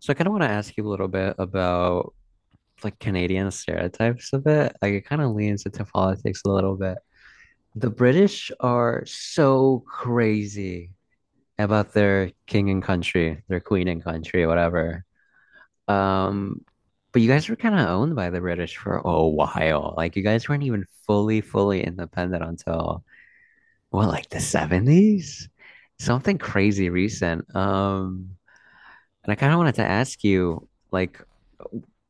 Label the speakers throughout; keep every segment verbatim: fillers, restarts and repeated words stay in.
Speaker 1: So I kind of want to ask you a little bit about like Canadian stereotypes a bit. Like it kind of leans into politics a little bit. The British are so crazy about their king and country, their queen and country, whatever. Um, but you guys were kind of owned by the British for a while. Like you guys weren't even fully, fully independent until what, like the seventies? Something crazy recent. Um, and I kind of wanted to ask you, like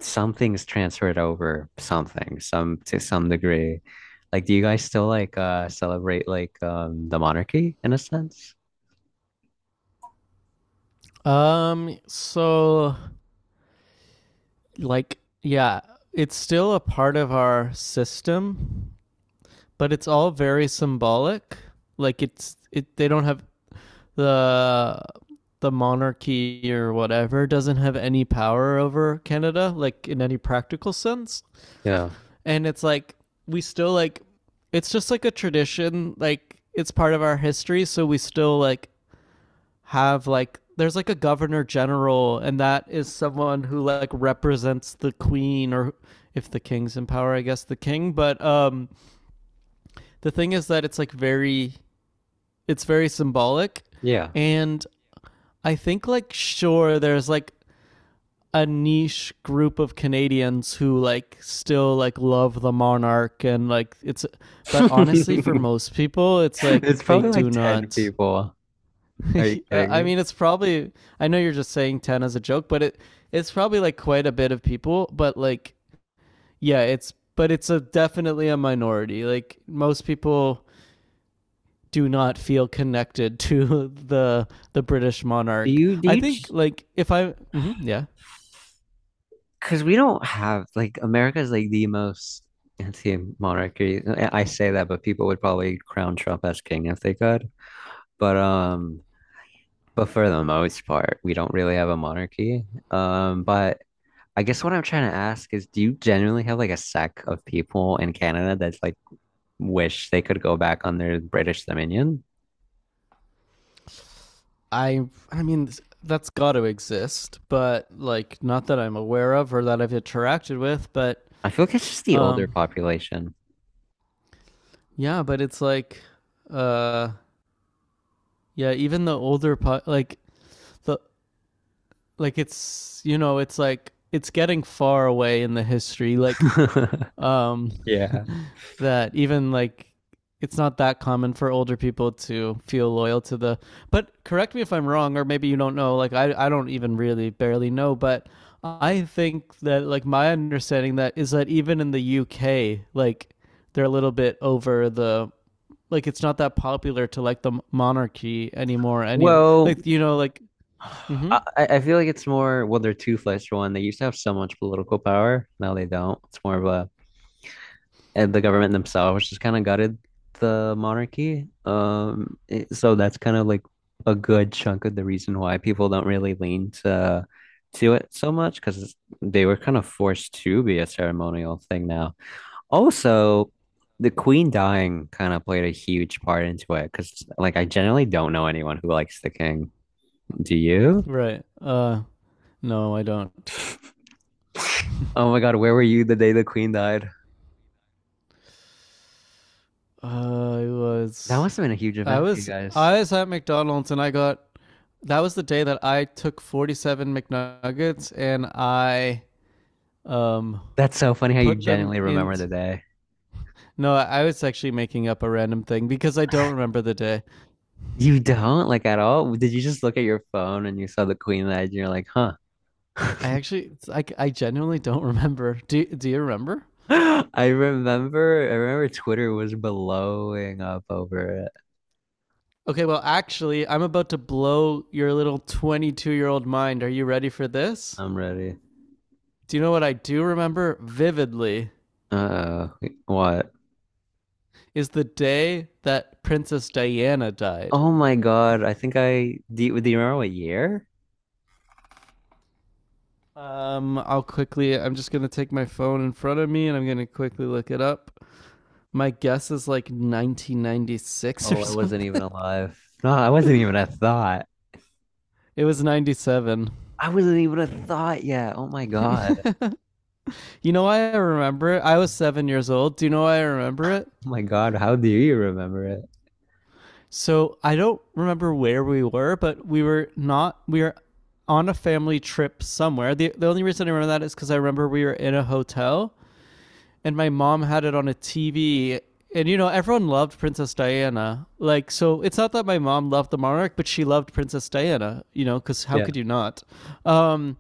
Speaker 1: something's transferred over something, some to some degree. Like, do you guys still like uh celebrate like um the monarchy in a sense?
Speaker 2: Um, so like yeah, it's still a part of our system, but it's all very symbolic. Like it's it they don't have the the monarchy or whatever doesn't have any power over Canada like in any practical sense.
Speaker 1: Yeah.
Speaker 2: And it's like we still like it's just like a tradition, like it's part of our history, so we still like have like there's like a governor general and that is someone who like represents the queen or if the king's in power I guess the king but um the thing is that it's like very it's very symbolic
Speaker 1: Yeah.
Speaker 2: and I think like sure there's like a niche group of Canadians who like still like love the monarch and like it's but honestly for most people it's like
Speaker 1: It's
Speaker 2: they
Speaker 1: probably like
Speaker 2: do
Speaker 1: ten
Speaker 2: not.
Speaker 1: people. Are you
Speaker 2: Uh,
Speaker 1: kidding
Speaker 2: I
Speaker 1: me?
Speaker 2: mean, it's probably. I know you're just saying ten as a joke, but it it's probably like quite a bit of people. But like, yeah, it's but it's a definitely a minority. Like most people do not feel connected to the the British
Speaker 1: Do
Speaker 2: monarch.
Speaker 1: you do
Speaker 2: I
Speaker 1: you
Speaker 2: think like if I, mhm, yeah,
Speaker 1: because we don't have like, America is like the most anti-monarchy. I I say that, but people would probably crown Trump as king if they could. But um but for the most part, we don't really have a monarchy. Um, but I guess what I'm trying to ask is, do you generally have like a sect of people in Canada that's like wish they could go back on their British Dominion?
Speaker 2: I I mean that's got to exist, but like not that I'm aware of or that I've interacted with. But
Speaker 1: I feel like it's just the older
Speaker 2: um,
Speaker 1: population.
Speaker 2: yeah, but it's like uh yeah even the older po- like the like it's you know it's like it's getting far away in the history like um
Speaker 1: Yeah.
Speaker 2: that even like it's not that common for older people to feel loyal to the, but correct me if I'm wrong or maybe you don't know like i i don't even really barely know but I think that like my understanding that is that even in the UK like they're a little bit over the like it's not that popular to like the monarchy anymore any
Speaker 1: Well,
Speaker 2: like you know like
Speaker 1: I,
Speaker 2: mhm,
Speaker 1: I I feel like it's more, well, they're toothless for one. They used to have so much political power. Now they don't. It's more of, and the government themselves just kind of gutted the monarchy. Um, it- so that's kind of like a good chunk of the reason why people don't really lean to to it so much because they were kind of forced to be a ceremonial thing now. Also, the queen dying kind of played a huge part into it because like I generally don't know anyone who likes the king. Do you?
Speaker 2: right, uh no, I don't.
Speaker 1: Oh my God, where were you the day the queen died?
Speaker 2: Uh, I
Speaker 1: That
Speaker 2: was
Speaker 1: must have been a huge
Speaker 2: I
Speaker 1: event for you
Speaker 2: was
Speaker 1: guys.
Speaker 2: I was at McDonald's and I got that was the day that I took forty-seven McNuggets and I um
Speaker 1: That's so funny how you
Speaker 2: put them
Speaker 1: genuinely
Speaker 2: in.
Speaker 1: remember the day.
Speaker 2: No, I was actually making up a random thing because I don't remember the day.
Speaker 1: You don't, like, at all? Did you just look at your phone and you saw the Queen Edge and you're like, huh?
Speaker 2: I actually I I genuinely don't remember. Do do you remember?
Speaker 1: I remember, I remember Twitter was blowing up over it.
Speaker 2: Okay, well actually, I'm about to blow your little twenty-two-year-old mind. Are you ready for this?
Speaker 1: I'm ready.
Speaker 2: Do you know what I do remember vividly?
Speaker 1: Uh, what?
Speaker 2: Is the day that Princess Diana died.
Speaker 1: Oh my God. I think I, do you, do you remember what year?
Speaker 2: Um, I'll quickly. I'm just gonna take my phone in front of me and I'm gonna quickly look it up. My guess is like nineteen ninety-six or
Speaker 1: Oh, I wasn't even
Speaker 2: something.
Speaker 1: alive. No, I wasn't even a thought.
Speaker 2: It was ninety-seven.
Speaker 1: I wasn't even a thought yet. Oh my God.
Speaker 2: You know why I remember it? I was seven years old. Do you know why I remember it?
Speaker 1: Oh my God. How do you remember it?
Speaker 2: So I don't remember where we were, but we were not. We were on a family trip somewhere. The the only reason I remember that is because I remember we were in a hotel and my mom had it on a T V and you know everyone loved Princess Diana like so it's not that my mom loved the monarch but she loved Princess Diana, you know because how
Speaker 1: Yeah.
Speaker 2: could you not, um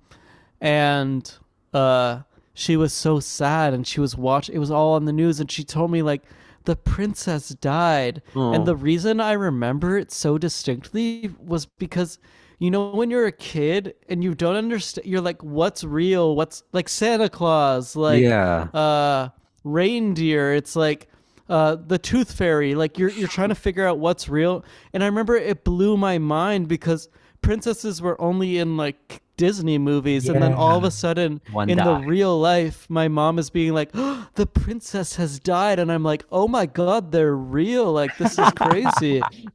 Speaker 2: and uh she was so sad and she was watching. It was all on the news and she told me like the princess died and the
Speaker 1: Oh,
Speaker 2: reason I remember it so distinctly was because you know when you're a kid and you don't understand you're like what's real what's like Santa Claus like
Speaker 1: yeah.
Speaker 2: uh reindeer. It's like uh, the tooth fairy. Like you're you're trying to figure out what's real. And I remember it blew my mind because princesses were only in like Disney movies, and then all
Speaker 1: Yeah.
Speaker 2: of a sudden
Speaker 1: One
Speaker 2: in the
Speaker 1: die.
Speaker 2: real life, my mom is being like, "Oh, "The princess has died," and I'm like, "Oh my god, they're real! Like this is crazy."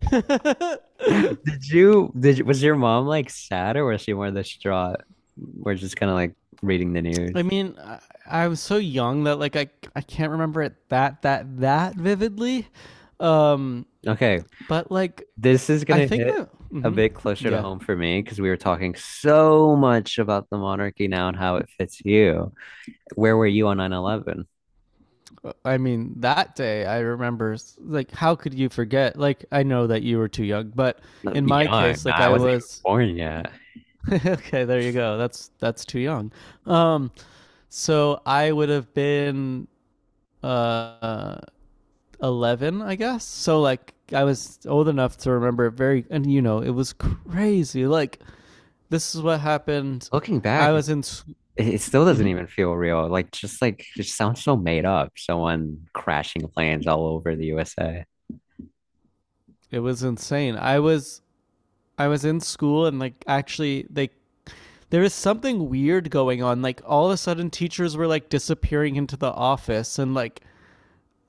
Speaker 1: Did you did you, was your mom like sad or was she more distraught? We're just kind of like reading the
Speaker 2: I
Speaker 1: news.
Speaker 2: mean. I, I was so young that like I I can't remember it that that that vividly, um,
Speaker 1: Okay,
Speaker 2: but like
Speaker 1: this is
Speaker 2: I
Speaker 1: gonna
Speaker 2: think
Speaker 1: hit
Speaker 2: that
Speaker 1: a
Speaker 2: mm-hmm.
Speaker 1: bit closer to
Speaker 2: Yeah,
Speaker 1: home for me because we were talking so much about the monarchy now and how it fits you. Where were you on nine eleven?
Speaker 2: I mean, that day I remember, like, how could you forget? Like, I know that you were too young, but
Speaker 1: No,
Speaker 2: in my
Speaker 1: Young.
Speaker 2: case, like,
Speaker 1: I
Speaker 2: I
Speaker 1: wasn't even
Speaker 2: was.
Speaker 1: born yet.
Speaker 2: Okay, there you go. That's that's too young. Um, so I would have been uh eleven, I guess. So like I was old enough to remember it very, and you know, it was crazy. Like this is what happened.
Speaker 1: Looking
Speaker 2: I
Speaker 1: back, it,
Speaker 2: was in. S-
Speaker 1: it still doesn't
Speaker 2: mhm.
Speaker 1: even feel real. Like just like it sounds so made up. Someone crashing planes all over the U S A.
Speaker 2: It was insane. I was I was in school and like actually they there is something weird going on. Like all of a sudden teachers were like disappearing into the office and like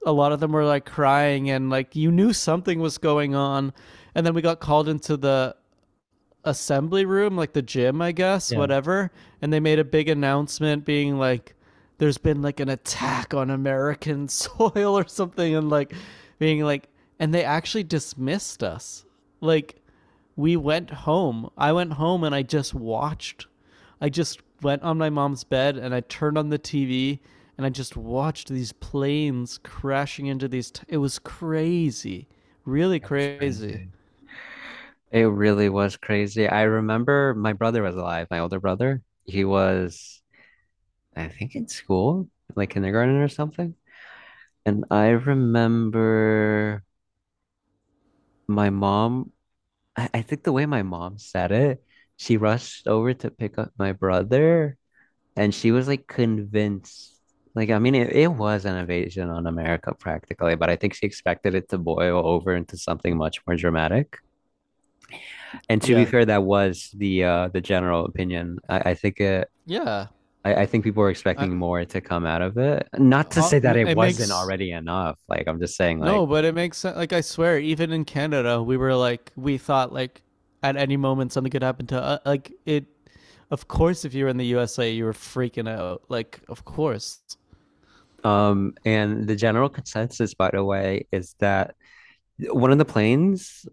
Speaker 2: a lot of them were like crying and like you knew something was going on. And then we got called into the assembly room, like the gym, I guess, whatever. And they made a big announcement being like, there's been like an attack on American soil or something. And like, being like, and they actually dismissed us. Like, we went home. I went home and I just watched. I just went on my mom's bed and I turned on the T V and I just watched these planes crashing into these. T- it was crazy, really
Speaker 1: It was
Speaker 2: crazy.
Speaker 1: crazy. It really was crazy. I remember my brother was alive, my older brother. He was, I think, in school, like kindergarten or something. And I remember my mom, I, I think the way my mom said it, she rushed over to pick up my brother and she was like convinced. Like, I mean, it, it was an invasion on America practically, but I think she expected it to boil over into something much more dramatic. And to be
Speaker 2: Yeah,
Speaker 1: fair, that was the uh the general opinion. I, I think it
Speaker 2: yeah.
Speaker 1: I, I think people were
Speaker 2: I,
Speaker 1: expecting more to come out of it. Not to
Speaker 2: Uh,
Speaker 1: say that it
Speaker 2: it
Speaker 1: wasn't
Speaker 2: makes
Speaker 1: already enough. Like I'm just saying, like
Speaker 2: no, but it makes sen- like I swear, even in Canada, we were like we thought like at any moment something could happen to uh, like it. Of course, if you were in the U S A, you were freaking out. Like, of course.
Speaker 1: um and the general consensus, by the way, is that one of the planes,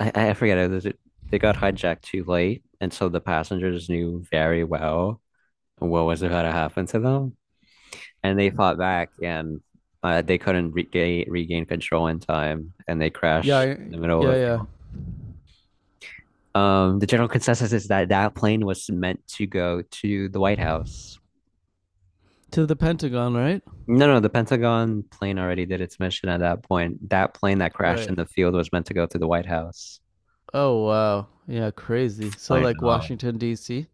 Speaker 1: I, I forget, it was they got hijacked too late, and so the passengers knew very well what was about to happen to them, and they fought back, and uh, they couldn't regain regain control in time, and they
Speaker 2: Yeah,
Speaker 1: crashed
Speaker 2: I,
Speaker 1: in the middle
Speaker 2: yeah,
Speaker 1: of a
Speaker 2: yeah.
Speaker 1: field. Um, the general consensus is that that plane was meant to go to the White House.
Speaker 2: To the Pentagon, right?
Speaker 1: No, no, the Pentagon plane already did its mission at that point. That plane that crashed in
Speaker 2: Right.
Speaker 1: the field was meant to go to the White House.
Speaker 2: Oh wow. Yeah, crazy. So
Speaker 1: I
Speaker 2: like
Speaker 1: know.
Speaker 2: Washington D C.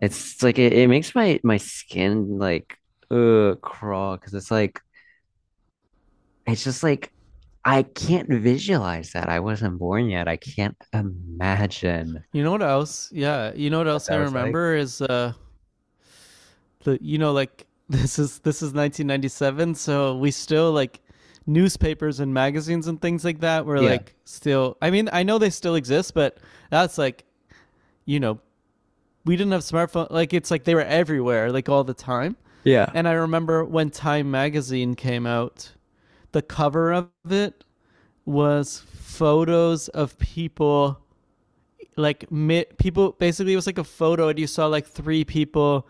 Speaker 1: It's like it, it makes my my skin like uh crawl because it's like it's just like I can't visualize that. I wasn't born yet. I can't imagine
Speaker 2: You know what else? Yeah, you know what
Speaker 1: what
Speaker 2: else
Speaker 1: that
Speaker 2: I
Speaker 1: was like.
Speaker 2: remember is uh the you know like this is this is nineteen ninety-seven, so we still like newspapers and magazines and things like that were
Speaker 1: Yeah.
Speaker 2: like still. I mean, I know they still exist, but that's like you know we didn't have smartphone. Like it's like they were everywhere, like all the time.
Speaker 1: Yeah.
Speaker 2: And I remember when Time magazine came out, the cover of it was photos of people like mid people basically it was like a photo and you saw like three people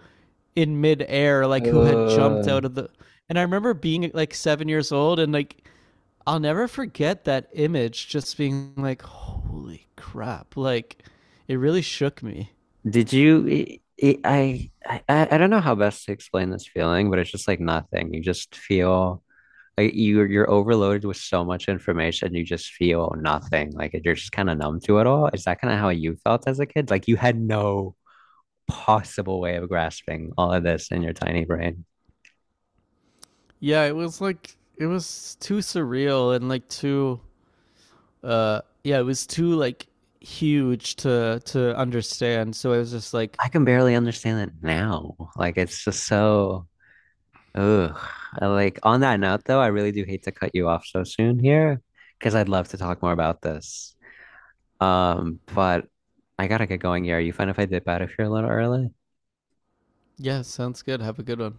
Speaker 2: in midair like who had jumped
Speaker 1: Uh,
Speaker 2: out of the. And I remember being like seven years old and like I'll never forget that image just being like, holy crap. Like it really shook me.
Speaker 1: did you? It, it, I, I I don't know how best to explain this feeling, but it's just like nothing. You just feel like you you're overloaded with so much information. You just feel nothing. Like you're just kind of numb to it all. Is that kind of how you felt as a kid? Like you had no possible way of grasping all of this in your tiny brain.
Speaker 2: Yeah, it was like it was too surreal and like too uh yeah, it was too like huge to to understand. So I was just like,
Speaker 1: I can barely understand it now. Like it's just so. Ugh. Like on that note, though, I really do hate to cut you off so soon here because I'd love to talk more about this. Um, but I gotta get going here. Are you fine if I dip out of here a little early?
Speaker 2: Yeah, sounds good. Have a good one.